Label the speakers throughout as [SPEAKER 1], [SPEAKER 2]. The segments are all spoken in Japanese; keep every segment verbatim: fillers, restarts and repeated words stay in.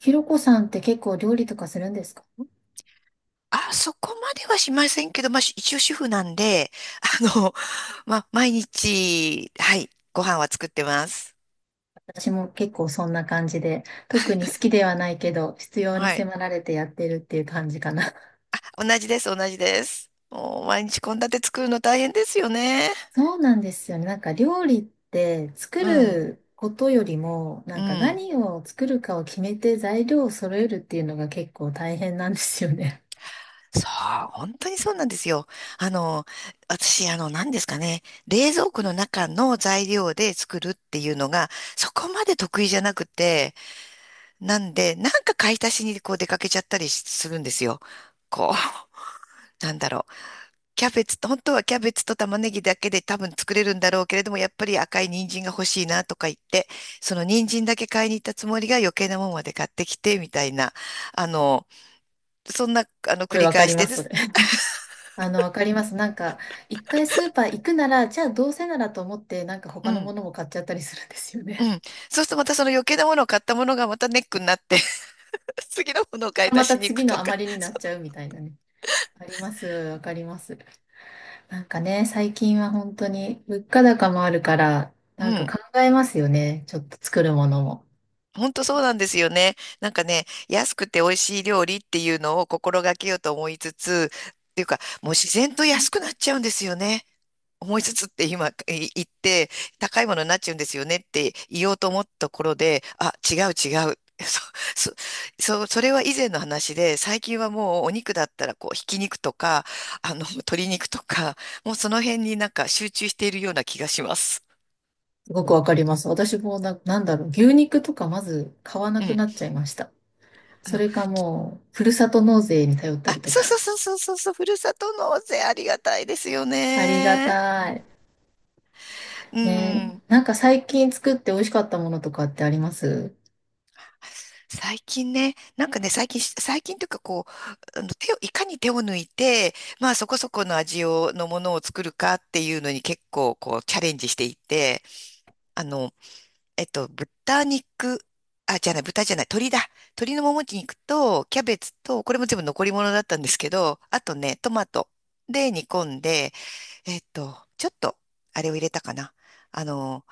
[SPEAKER 1] ひろこさんって結構料理とかするんですか。
[SPEAKER 2] あ、そこまではしませんけど、まあ、し一応主婦なんで、あの、まあ、毎日、はい、ご飯は作ってます。
[SPEAKER 1] 私も結構そんな感じで、特に好きではないけど、必要に
[SPEAKER 2] はい。
[SPEAKER 1] 迫られてやってるっていう感じかな。
[SPEAKER 2] 同じです、同じです。もう、毎日献立作るの大変ですよね。
[SPEAKER 1] そうなんですよね。なんか料理って作
[SPEAKER 2] うん、
[SPEAKER 1] ることよりも、な
[SPEAKER 2] う
[SPEAKER 1] んか
[SPEAKER 2] ん。
[SPEAKER 1] 何を作るかを決めて材料を揃えるっていうのが結構大変なんですよね。
[SPEAKER 2] そう、本当にそうなんですよ。あの、私、あの、何ですかね、冷蔵庫の中の材料で作るっていうのが、そこまで得意じゃなくて、なんで、なんか買い足しにこう出かけちゃったりするんですよ。こう。なんだろう。キャベツと、本当はキャベツと玉ねぎだけで多分作れるんだろうけれども、やっぱり赤い人参が欲しいなとか言って、その人参だけ買いに行ったつもりが余計なもんまで買ってきて、みたいな、あの、そんな、あの、
[SPEAKER 1] す
[SPEAKER 2] 繰
[SPEAKER 1] ごい
[SPEAKER 2] り
[SPEAKER 1] わか
[SPEAKER 2] 返
[SPEAKER 1] り
[SPEAKER 2] し
[SPEAKER 1] ま
[SPEAKER 2] て
[SPEAKER 1] す、
[SPEAKER 2] で
[SPEAKER 1] それ。
[SPEAKER 2] す。
[SPEAKER 1] あの、わかります。なんか、一回スーパー行くなら、じゃあどうせならと思って、なんか
[SPEAKER 2] う
[SPEAKER 1] 他のも
[SPEAKER 2] ん。
[SPEAKER 1] のも買っちゃったりするんですよ
[SPEAKER 2] う
[SPEAKER 1] ね。
[SPEAKER 2] ん。そうするとまたその余計なものを買ったものがまたネックになって 次のものを買 い
[SPEAKER 1] ま
[SPEAKER 2] 足
[SPEAKER 1] た
[SPEAKER 2] しに行
[SPEAKER 1] 次
[SPEAKER 2] く
[SPEAKER 1] の
[SPEAKER 2] とか。
[SPEAKER 1] 余りにな
[SPEAKER 2] そ
[SPEAKER 1] っちゃうみたいなね。わかります、わかります。なんかね、最近は本当に物価高もあるから、
[SPEAKER 2] う、
[SPEAKER 1] なん
[SPEAKER 2] う
[SPEAKER 1] か
[SPEAKER 2] ん。
[SPEAKER 1] 考えますよね。ちょっと作るものも。
[SPEAKER 2] 本当そうなんですよね。なんかね、安くて美味しい料理っていうのを心がけようと思いつつ、っていうか、もう自然と安くなっちゃうんですよね。思いつつって今い言って、高いものになっちゃうんですよねって言おうと思ったところで、あ、違う違う。そ、そ、そうそれは以前の話で、最近はもうお肉だったらこう、ひき肉とか、あの、鶏肉とか、もうその辺になんか集中しているような気がします。
[SPEAKER 1] すごくわかります。私もな、なんだろう、牛肉とかまず買わな
[SPEAKER 2] う
[SPEAKER 1] く
[SPEAKER 2] ん。
[SPEAKER 1] なっちゃいました。
[SPEAKER 2] あ
[SPEAKER 1] そ
[SPEAKER 2] の、
[SPEAKER 1] れかもう、ふるさと納税に頼った
[SPEAKER 2] あ、
[SPEAKER 1] りと
[SPEAKER 2] そう
[SPEAKER 1] か。
[SPEAKER 2] そうそうそうそうそう、ふるさと納税ありがたいですよ
[SPEAKER 1] ありが
[SPEAKER 2] ね。
[SPEAKER 1] たい。
[SPEAKER 2] う
[SPEAKER 1] ね、
[SPEAKER 2] ん。
[SPEAKER 1] なんか最近作って美味しかったものとかってあります？
[SPEAKER 2] 最近ね、なんかね、最近し、最近というかこう、あの手を、いかに手を抜いて、まあそこそこの味を、のものを作るかっていうのに結構こうチャレンジしていて、あの、えっと、豚肉、あ、じゃない、豚じゃない、鶏だ。鶏のもも肉と、キャベツと、これも全部残り物だったんですけど、あとね、トマトで煮込んで、えっと、ちょっと、あれを入れたかな。あの、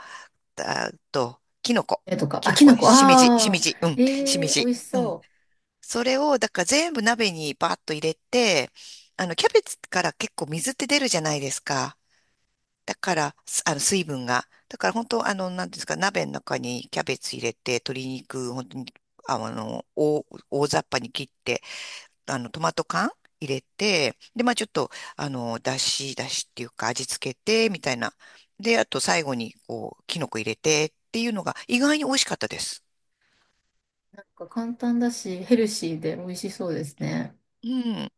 [SPEAKER 2] あと、キノコ。
[SPEAKER 1] えとか、
[SPEAKER 2] キ
[SPEAKER 1] あ、
[SPEAKER 2] ノ
[SPEAKER 1] き
[SPEAKER 2] コ、
[SPEAKER 1] のこ、
[SPEAKER 2] しめじ、しめ
[SPEAKER 1] ああ、
[SPEAKER 2] じ、うん、し
[SPEAKER 1] え
[SPEAKER 2] め
[SPEAKER 1] えー、美
[SPEAKER 2] じ。
[SPEAKER 1] 味し
[SPEAKER 2] うん。
[SPEAKER 1] そ
[SPEAKER 2] それを、だから全部鍋にバーッと入れて、あの、キャベツから結構水って出るじゃないですか。だから、すあの、水分が。だから本当、あの、なんていうんですか、鍋の中にキャベツ入れて、鶏肉、本当に、ああの、大、大雑把に切って、あの、トマト缶入れて、で、まあちょっと、あの、だし、だしっていうか味付けて、みたいな。で、あと最後に、こう、キノコ入れてっていうのが意外に美味しかったです。
[SPEAKER 1] う。なんか簡単だし、ヘルシーで美味しそうですね。
[SPEAKER 2] うん。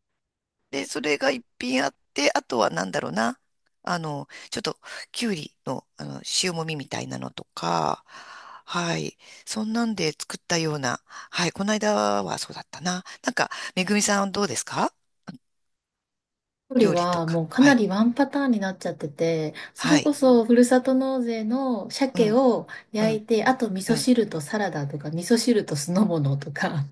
[SPEAKER 2] で、それが一品あって、あとはなんだろうな。あの、ちょっと、きゅうりの、あの、塩もみみたいなのとか、はい。そんなんで作ったような、はい。この間はそうだったな。なんか、めぐみさんどうですか？
[SPEAKER 1] 距離
[SPEAKER 2] 料理と
[SPEAKER 1] はも
[SPEAKER 2] か。
[SPEAKER 1] うか
[SPEAKER 2] は
[SPEAKER 1] な
[SPEAKER 2] い。
[SPEAKER 1] りワンパターンになっちゃってて、そ
[SPEAKER 2] は
[SPEAKER 1] れこ
[SPEAKER 2] い。
[SPEAKER 1] そふるさと納税の
[SPEAKER 2] う
[SPEAKER 1] 鮭
[SPEAKER 2] ん、
[SPEAKER 1] を
[SPEAKER 2] う
[SPEAKER 1] 焼い
[SPEAKER 2] ん、
[SPEAKER 1] て、あと味
[SPEAKER 2] う
[SPEAKER 1] 噌
[SPEAKER 2] ん、
[SPEAKER 1] 汁とサラダとか、味噌汁と酢の物とか、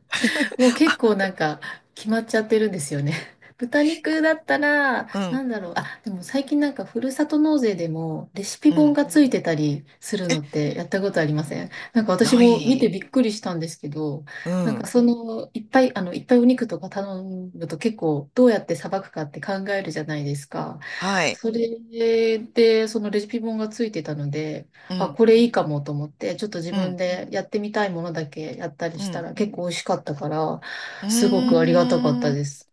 [SPEAKER 1] もう 結構なんか決まっちゃってるんですよね。豚肉だったら、
[SPEAKER 2] うん、
[SPEAKER 1] なんだろう。あ、でも最近なんかふるさと納税でもレシピ
[SPEAKER 2] う
[SPEAKER 1] 本
[SPEAKER 2] ん。
[SPEAKER 1] がついてたりするのってやったことありません？なんか私
[SPEAKER 2] な
[SPEAKER 1] も見て
[SPEAKER 2] い。
[SPEAKER 1] びっくりしたんですけど、
[SPEAKER 2] う
[SPEAKER 1] なんか
[SPEAKER 2] ん。
[SPEAKER 1] その、いっぱい、あの、いっぱいお肉とか頼むと結構どうやってさばくかって考えるじゃないですか。
[SPEAKER 2] はい。
[SPEAKER 1] それで、そのレシピ本がついてたので、
[SPEAKER 2] う
[SPEAKER 1] あ、
[SPEAKER 2] ん、
[SPEAKER 1] これいいかもと思って、ちょっと自
[SPEAKER 2] う
[SPEAKER 1] 分
[SPEAKER 2] ん、
[SPEAKER 1] でやってみたいものだけやったり
[SPEAKER 2] う
[SPEAKER 1] した
[SPEAKER 2] ん。
[SPEAKER 1] ら結構美味しかったから、
[SPEAKER 2] うー
[SPEAKER 1] すごくありがたかった
[SPEAKER 2] ん。
[SPEAKER 1] です。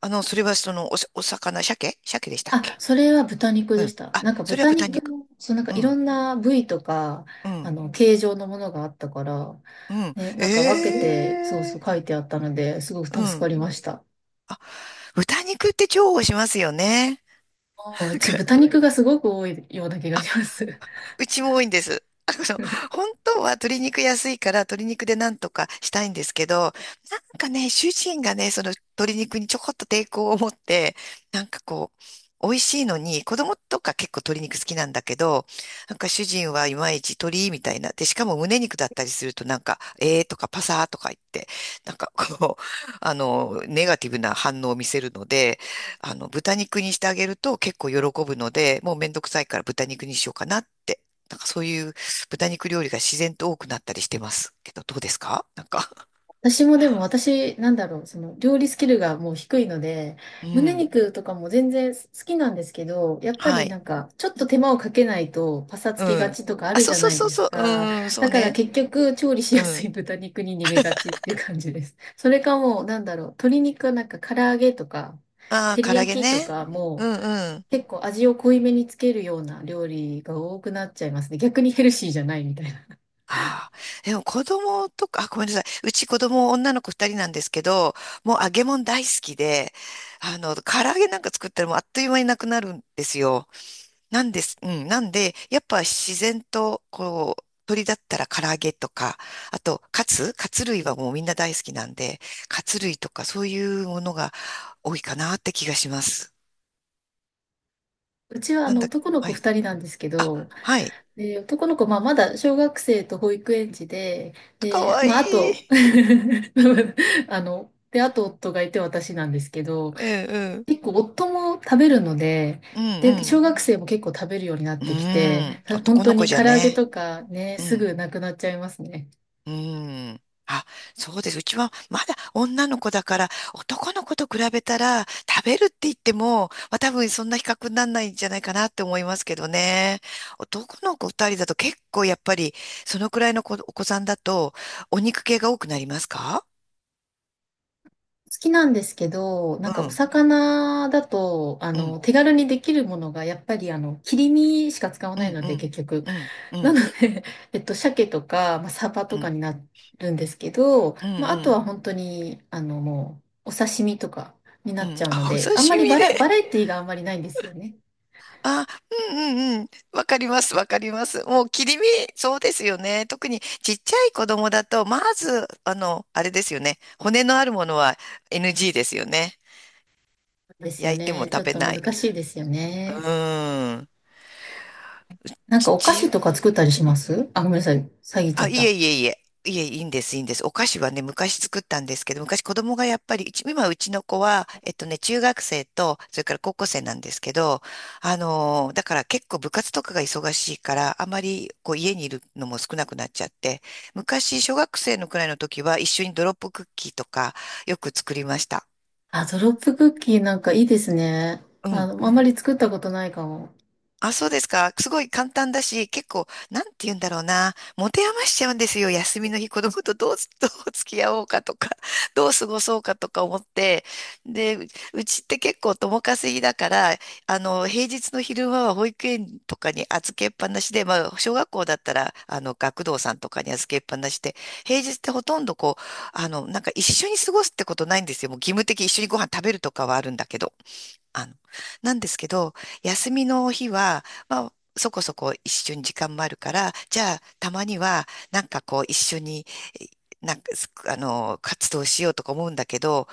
[SPEAKER 2] あの、それはその、おさ、お魚、鮭鮭でしたっ
[SPEAKER 1] あ、
[SPEAKER 2] け？
[SPEAKER 1] それは豚肉
[SPEAKER 2] う
[SPEAKER 1] でし
[SPEAKER 2] ん。
[SPEAKER 1] た。
[SPEAKER 2] あ、
[SPEAKER 1] なんか
[SPEAKER 2] それは
[SPEAKER 1] 豚
[SPEAKER 2] 豚
[SPEAKER 1] 肉
[SPEAKER 2] 肉。
[SPEAKER 1] も、そうなんか
[SPEAKER 2] う
[SPEAKER 1] いろ
[SPEAKER 2] ん。
[SPEAKER 1] んな部位とか、
[SPEAKER 2] う
[SPEAKER 1] あ
[SPEAKER 2] ん、
[SPEAKER 1] の、形状のものがあったから、
[SPEAKER 2] うん。
[SPEAKER 1] ね、なんか分け
[SPEAKER 2] え
[SPEAKER 1] て、そうそう
[SPEAKER 2] え、
[SPEAKER 1] 書いてあったので、すごく
[SPEAKER 2] う
[SPEAKER 1] 助か
[SPEAKER 2] ん。
[SPEAKER 1] りました。
[SPEAKER 2] あ、豚肉って重宝しますよね。
[SPEAKER 1] あ、うち豚肉がすごく多いような気がします。
[SPEAKER 2] うちも多いんです。あの、本当は鶏肉安いから鶏肉でなんとかしたいんですけど、なんかね、主人がね、その鶏肉にちょこっと抵抗を持って、なんかこう、美味しいのに、子供とか結構鶏肉好きなんだけど、なんか主人はいまいち鶏みたいな。で、しかも胸肉だったりするとなんか、えーとかパサーとか言って、なんかこう、あの、ネガティブな反応を見せるので、あの、豚肉にしてあげると結構喜ぶので、もうめんどくさいから豚肉にしようかなって。なんかそういう豚肉料理が自然と多くなったりしてますけど、どうですか？なんか。
[SPEAKER 1] 私もでも私、なんだろう、その料理スキルがもう低いので、
[SPEAKER 2] う
[SPEAKER 1] 胸
[SPEAKER 2] ん。
[SPEAKER 1] 肉とかも全然好きなんですけど、やっぱ
[SPEAKER 2] は
[SPEAKER 1] り
[SPEAKER 2] い。
[SPEAKER 1] なんか、ちょっと手間をかけないとパサつき
[SPEAKER 2] う
[SPEAKER 1] が
[SPEAKER 2] ん。
[SPEAKER 1] ちとかあ
[SPEAKER 2] あ、
[SPEAKER 1] るじ
[SPEAKER 2] そう
[SPEAKER 1] ゃ
[SPEAKER 2] そう
[SPEAKER 1] ない
[SPEAKER 2] そう
[SPEAKER 1] です
[SPEAKER 2] そう。
[SPEAKER 1] か。
[SPEAKER 2] うん、そ
[SPEAKER 1] だ
[SPEAKER 2] う
[SPEAKER 1] から
[SPEAKER 2] ね。
[SPEAKER 1] 結局、調理し
[SPEAKER 2] う
[SPEAKER 1] やすい
[SPEAKER 2] ん。
[SPEAKER 1] 豚肉に逃げがちっていう感じです。それかもう、なんだろう、鶏肉はなんか唐揚げとか、
[SPEAKER 2] ああ、
[SPEAKER 1] 照り
[SPEAKER 2] 唐揚げ
[SPEAKER 1] 焼きと
[SPEAKER 2] ね。
[SPEAKER 1] か
[SPEAKER 2] う
[SPEAKER 1] も、
[SPEAKER 2] んうん。
[SPEAKER 1] 結構味を濃いめにつけるような料理が多くなっちゃいますね。逆にヘルシーじゃないみたいな。
[SPEAKER 2] ああ。でも子供とか、あ、ごめんなさい。うち子供女の子二人なんですけど、もう揚げ物大好きで、あの、唐揚げなんか作ったらもうあっという間になくなるんですよ。なんです。うん。なんで、やっぱ自然と、こう、鳥だったら唐揚げとか、あと、カツカツ類はもうみんな大好きなんで、カツ類とかそういうものが多いかなって気がします。
[SPEAKER 1] うちはあ
[SPEAKER 2] なん
[SPEAKER 1] の
[SPEAKER 2] だ、
[SPEAKER 1] 男の
[SPEAKER 2] は
[SPEAKER 1] 子
[SPEAKER 2] い。
[SPEAKER 1] ふたりなんですけど、
[SPEAKER 2] あ、はい。
[SPEAKER 1] で、男の子、まあ、まだ小学生と保育園児で、
[SPEAKER 2] か
[SPEAKER 1] で、
[SPEAKER 2] わ
[SPEAKER 1] まあ、あ
[SPEAKER 2] い
[SPEAKER 1] と、
[SPEAKER 2] い。
[SPEAKER 1] あの、で、あと夫がいて私なんですけど、
[SPEAKER 2] うんうん。
[SPEAKER 1] 結構夫も食べるので、
[SPEAKER 2] う
[SPEAKER 1] で、小
[SPEAKER 2] ん
[SPEAKER 1] 学生も結構食べるようになっ
[SPEAKER 2] うん。う
[SPEAKER 1] てき
[SPEAKER 2] ーん。
[SPEAKER 1] て、本
[SPEAKER 2] 男
[SPEAKER 1] 当
[SPEAKER 2] の子
[SPEAKER 1] に
[SPEAKER 2] じゃ
[SPEAKER 1] 唐揚げ
[SPEAKER 2] ね。
[SPEAKER 1] とかね、
[SPEAKER 2] う
[SPEAKER 1] す
[SPEAKER 2] ん。
[SPEAKER 1] ぐなくなっちゃいますね。
[SPEAKER 2] うーん。あ、そうです。うちはまだ女の子だから、男の子と比べたら、食べるって言っても、まあ多分そんな比較にならないんじゃないかなって思いますけどね。男の子二人だと結構やっぱり、そのくらいの子お子さんだと、お肉系が多くなりますか？
[SPEAKER 1] 好きなんですけど、な
[SPEAKER 2] う
[SPEAKER 1] んかお
[SPEAKER 2] ん、
[SPEAKER 1] 魚だと、あ
[SPEAKER 2] うん、
[SPEAKER 1] の、手軽にできるものが、やっぱりあの、切り身しか使わ
[SPEAKER 2] う
[SPEAKER 1] な
[SPEAKER 2] ん、
[SPEAKER 1] いの
[SPEAKER 2] う
[SPEAKER 1] で、
[SPEAKER 2] ん、
[SPEAKER 1] 結局。
[SPEAKER 2] うん、う
[SPEAKER 1] なの
[SPEAKER 2] ん、
[SPEAKER 1] で、えっと、鮭とか、まあ、サバ
[SPEAKER 2] う
[SPEAKER 1] と
[SPEAKER 2] ん、う
[SPEAKER 1] か
[SPEAKER 2] ん、
[SPEAKER 1] になるんですけど、
[SPEAKER 2] う
[SPEAKER 1] まあ、あと
[SPEAKER 2] ん。
[SPEAKER 1] は本当に、あの、もう、お刺身とかにな
[SPEAKER 2] う
[SPEAKER 1] っち
[SPEAKER 2] ん、
[SPEAKER 1] ゃうの
[SPEAKER 2] あ、お
[SPEAKER 1] で、
[SPEAKER 2] 刺
[SPEAKER 1] あんまり
[SPEAKER 2] 身
[SPEAKER 1] バラ、バラ
[SPEAKER 2] で。
[SPEAKER 1] エティがあんまりないんですよね。
[SPEAKER 2] あ、うんうんうん。わかります、わかります。もう切り身、そうですよね。特にちっちゃい子供だと、まず、あの、あれですよね。骨のあるものは エヌジー ですよね。
[SPEAKER 1] ですよ
[SPEAKER 2] 焼いても
[SPEAKER 1] ね。ちょ
[SPEAKER 2] 食
[SPEAKER 1] っ
[SPEAKER 2] べ
[SPEAKER 1] と
[SPEAKER 2] ない。
[SPEAKER 1] 難しいですよ
[SPEAKER 2] う
[SPEAKER 1] ね。
[SPEAKER 2] ーん。
[SPEAKER 1] なんかお菓子
[SPEAKER 2] 父。
[SPEAKER 1] とか作ったりします？あ、ごめんなさい。詐欺ちゃ
[SPEAKER 2] あ、
[SPEAKER 1] っ
[SPEAKER 2] いえ
[SPEAKER 1] た。
[SPEAKER 2] いえいえ。いえ、いいんです、いいんです。お菓子はね、昔作ったんですけど、昔子供がやっぱり、うち今うちの子は、えっとね、中学生と、それから高校生なんですけど、あのーだから結構部活とかが忙しいから、あまりこう家にいるのも少なくなっちゃって、昔小学生のくらいの時は一緒にドロップクッキーとかよく作りました。
[SPEAKER 1] あ、ドロップクッキーなんかいいですね。
[SPEAKER 2] う
[SPEAKER 1] あ
[SPEAKER 2] ん。
[SPEAKER 1] の、あんまり作ったことないかも。
[SPEAKER 2] あ、そうですか。すごい簡単だし、結構、なんて言うんだろうな。持て余しちゃうんですよ。休みの日、子供とどう、どう付き合おうかとか、どう過ごそうかとか思って。で、ううちって結構共稼ぎだから、あの、平日の昼間は保育園とかに預けっぱなしで、まあ、小学校だったら、あの、学童さんとかに預けっぱなしで、平日ってほとんどこう、あの、なんか一緒に過ごすってことないんですよ。もう義務的に一緒にご飯食べるとかはあるんだけど。あの、なんですけど、休みの日は、まあ、そこそこ一緒に時間もあるから、じゃあ、たまには、なんかこう、一緒に、えなんか、すあの、活動しようとか思うんだけど、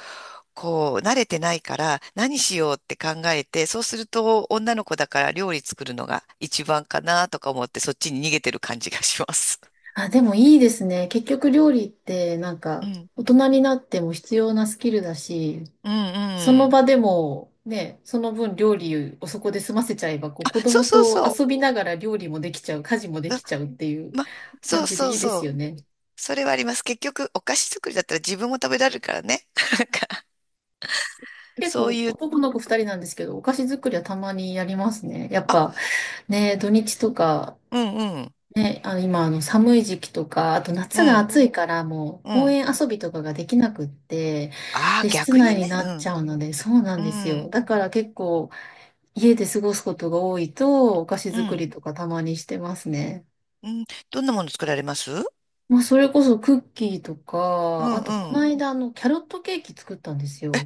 [SPEAKER 2] こう、慣れてないから、何しようって考えて、そうすると、女の子だから料理作るのが一番かなとか思って、そっちに逃げてる感じがします。
[SPEAKER 1] あ、でもいいですね。結局料理ってなん
[SPEAKER 2] う
[SPEAKER 1] か
[SPEAKER 2] ん。
[SPEAKER 1] 大人になっても必要なスキルだし、
[SPEAKER 2] うん
[SPEAKER 1] そ
[SPEAKER 2] う
[SPEAKER 1] の
[SPEAKER 2] ん。
[SPEAKER 1] 場でも、ね、その分料理をそこで済ませちゃえば、こう
[SPEAKER 2] あ、
[SPEAKER 1] 子
[SPEAKER 2] そう
[SPEAKER 1] 供
[SPEAKER 2] そう
[SPEAKER 1] と
[SPEAKER 2] そ
[SPEAKER 1] 遊びながら料理もできちゃう、家事もで
[SPEAKER 2] う。うん、
[SPEAKER 1] きちゃうっていう
[SPEAKER 2] ま、そ
[SPEAKER 1] 感
[SPEAKER 2] う
[SPEAKER 1] じで
[SPEAKER 2] そ
[SPEAKER 1] い
[SPEAKER 2] う
[SPEAKER 1] いで
[SPEAKER 2] そ
[SPEAKER 1] すよ
[SPEAKER 2] う。
[SPEAKER 1] ね。
[SPEAKER 2] それはあります。結局、お菓子作りだったら自分も食べられるからね。なんか
[SPEAKER 1] 結構
[SPEAKER 2] そういう、
[SPEAKER 1] 男の子二人なんですけど、お菓子作りはたまにやりますね。やっぱ
[SPEAKER 2] あ、
[SPEAKER 1] ね、土日とか、
[SPEAKER 2] うんうん、
[SPEAKER 1] ね、あの今あの寒い時期とか、あと
[SPEAKER 2] う
[SPEAKER 1] 夏が
[SPEAKER 2] ん、
[SPEAKER 1] 暑いからもう
[SPEAKER 2] う
[SPEAKER 1] 公
[SPEAKER 2] ん。
[SPEAKER 1] 園遊びとかができなくって、
[SPEAKER 2] ああ、
[SPEAKER 1] で、室
[SPEAKER 2] 逆に
[SPEAKER 1] 内に
[SPEAKER 2] ね、
[SPEAKER 1] な
[SPEAKER 2] う
[SPEAKER 1] っち
[SPEAKER 2] ん、
[SPEAKER 1] ゃうので、そうなん
[SPEAKER 2] う
[SPEAKER 1] ですよ。
[SPEAKER 2] ん、
[SPEAKER 1] だから結構家で過ごすことが多いと、お菓子
[SPEAKER 2] う
[SPEAKER 1] 作
[SPEAKER 2] ん、
[SPEAKER 1] りとかたまにしてますね。
[SPEAKER 2] うん。どんなもの作られます？
[SPEAKER 1] まあ、それこそクッキーと
[SPEAKER 2] う
[SPEAKER 1] か、
[SPEAKER 2] ん、
[SPEAKER 1] あと、こ
[SPEAKER 2] う
[SPEAKER 1] の
[SPEAKER 2] ん。
[SPEAKER 1] 間、あの、キャロットケーキ作ったんですよ。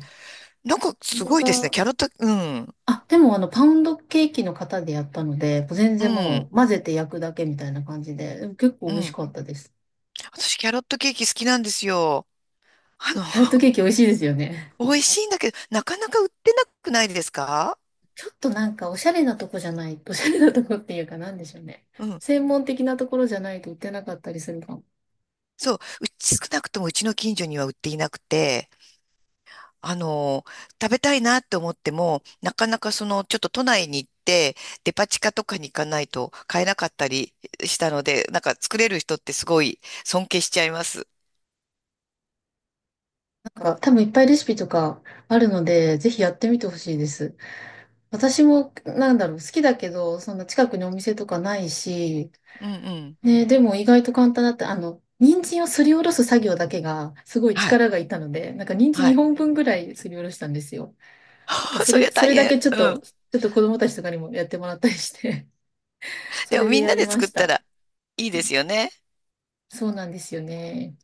[SPEAKER 2] なんか
[SPEAKER 1] そ
[SPEAKER 2] す
[SPEAKER 1] れ
[SPEAKER 2] ごいですね。
[SPEAKER 1] が、
[SPEAKER 2] キャロット、うん、
[SPEAKER 1] あ、でも、あの、パウンドケーキの型でやったので、全
[SPEAKER 2] う
[SPEAKER 1] 然
[SPEAKER 2] ん、
[SPEAKER 1] もう、混ぜて焼くだけみたいな感じで、でも結構
[SPEAKER 2] う
[SPEAKER 1] 美味し
[SPEAKER 2] ん。
[SPEAKER 1] かったです。
[SPEAKER 2] 私、キャロットケーキ好きなんですよ。あの、
[SPEAKER 1] キャロット ケーキ美味しいですよね。
[SPEAKER 2] 美味しいんだけど、なかなか売ってなくないですか？
[SPEAKER 1] ちょっとなんか、おしゃれなとこじゃない、おしゃれなとこっていうか、なんでしょうね。
[SPEAKER 2] うん。
[SPEAKER 1] 専門的なところじゃないと売ってなかったりするかも。
[SPEAKER 2] そう、うち、少なくともうちの近所には売っていなくて、あの、食べたいなって思っても、なかなかその、ちょっと都内に行って、デパ地下とかに行かないと買えなかったりしたので、なんか作れる人ってすごい尊敬しちゃいます。
[SPEAKER 1] なんか多分いっぱいレシピとかあるので、ぜひやってみてほしいです。私も、なんだろう、好きだけど、そんな近くにお店とかないし、
[SPEAKER 2] うんうん。
[SPEAKER 1] ね、でも意外と簡単だった。あの、人参をすりおろす作業だけが、すごい
[SPEAKER 2] はい。
[SPEAKER 1] 力がいったので、なんか人参
[SPEAKER 2] はい。
[SPEAKER 1] にほんぶんぐらいすりおろしたんですよ。なんか そ
[SPEAKER 2] そり
[SPEAKER 1] れ、
[SPEAKER 2] ゃ
[SPEAKER 1] そ
[SPEAKER 2] 大
[SPEAKER 1] れだ
[SPEAKER 2] 変。
[SPEAKER 1] けちょっ
[SPEAKER 2] う
[SPEAKER 1] と、
[SPEAKER 2] ん。
[SPEAKER 1] ちょっと子供たちとかにもやってもらったりして、そ
[SPEAKER 2] でも
[SPEAKER 1] れで
[SPEAKER 2] みん
[SPEAKER 1] や
[SPEAKER 2] な
[SPEAKER 1] り
[SPEAKER 2] で
[SPEAKER 1] ま
[SPEAKER 2] 作っ
[SPEAKER 1] し
[SPEAKER 2] た
[SPEAKER 1] た。
[SPEAKER 2] らいいですよね。
[SPEAKER 1] そうなんですよね。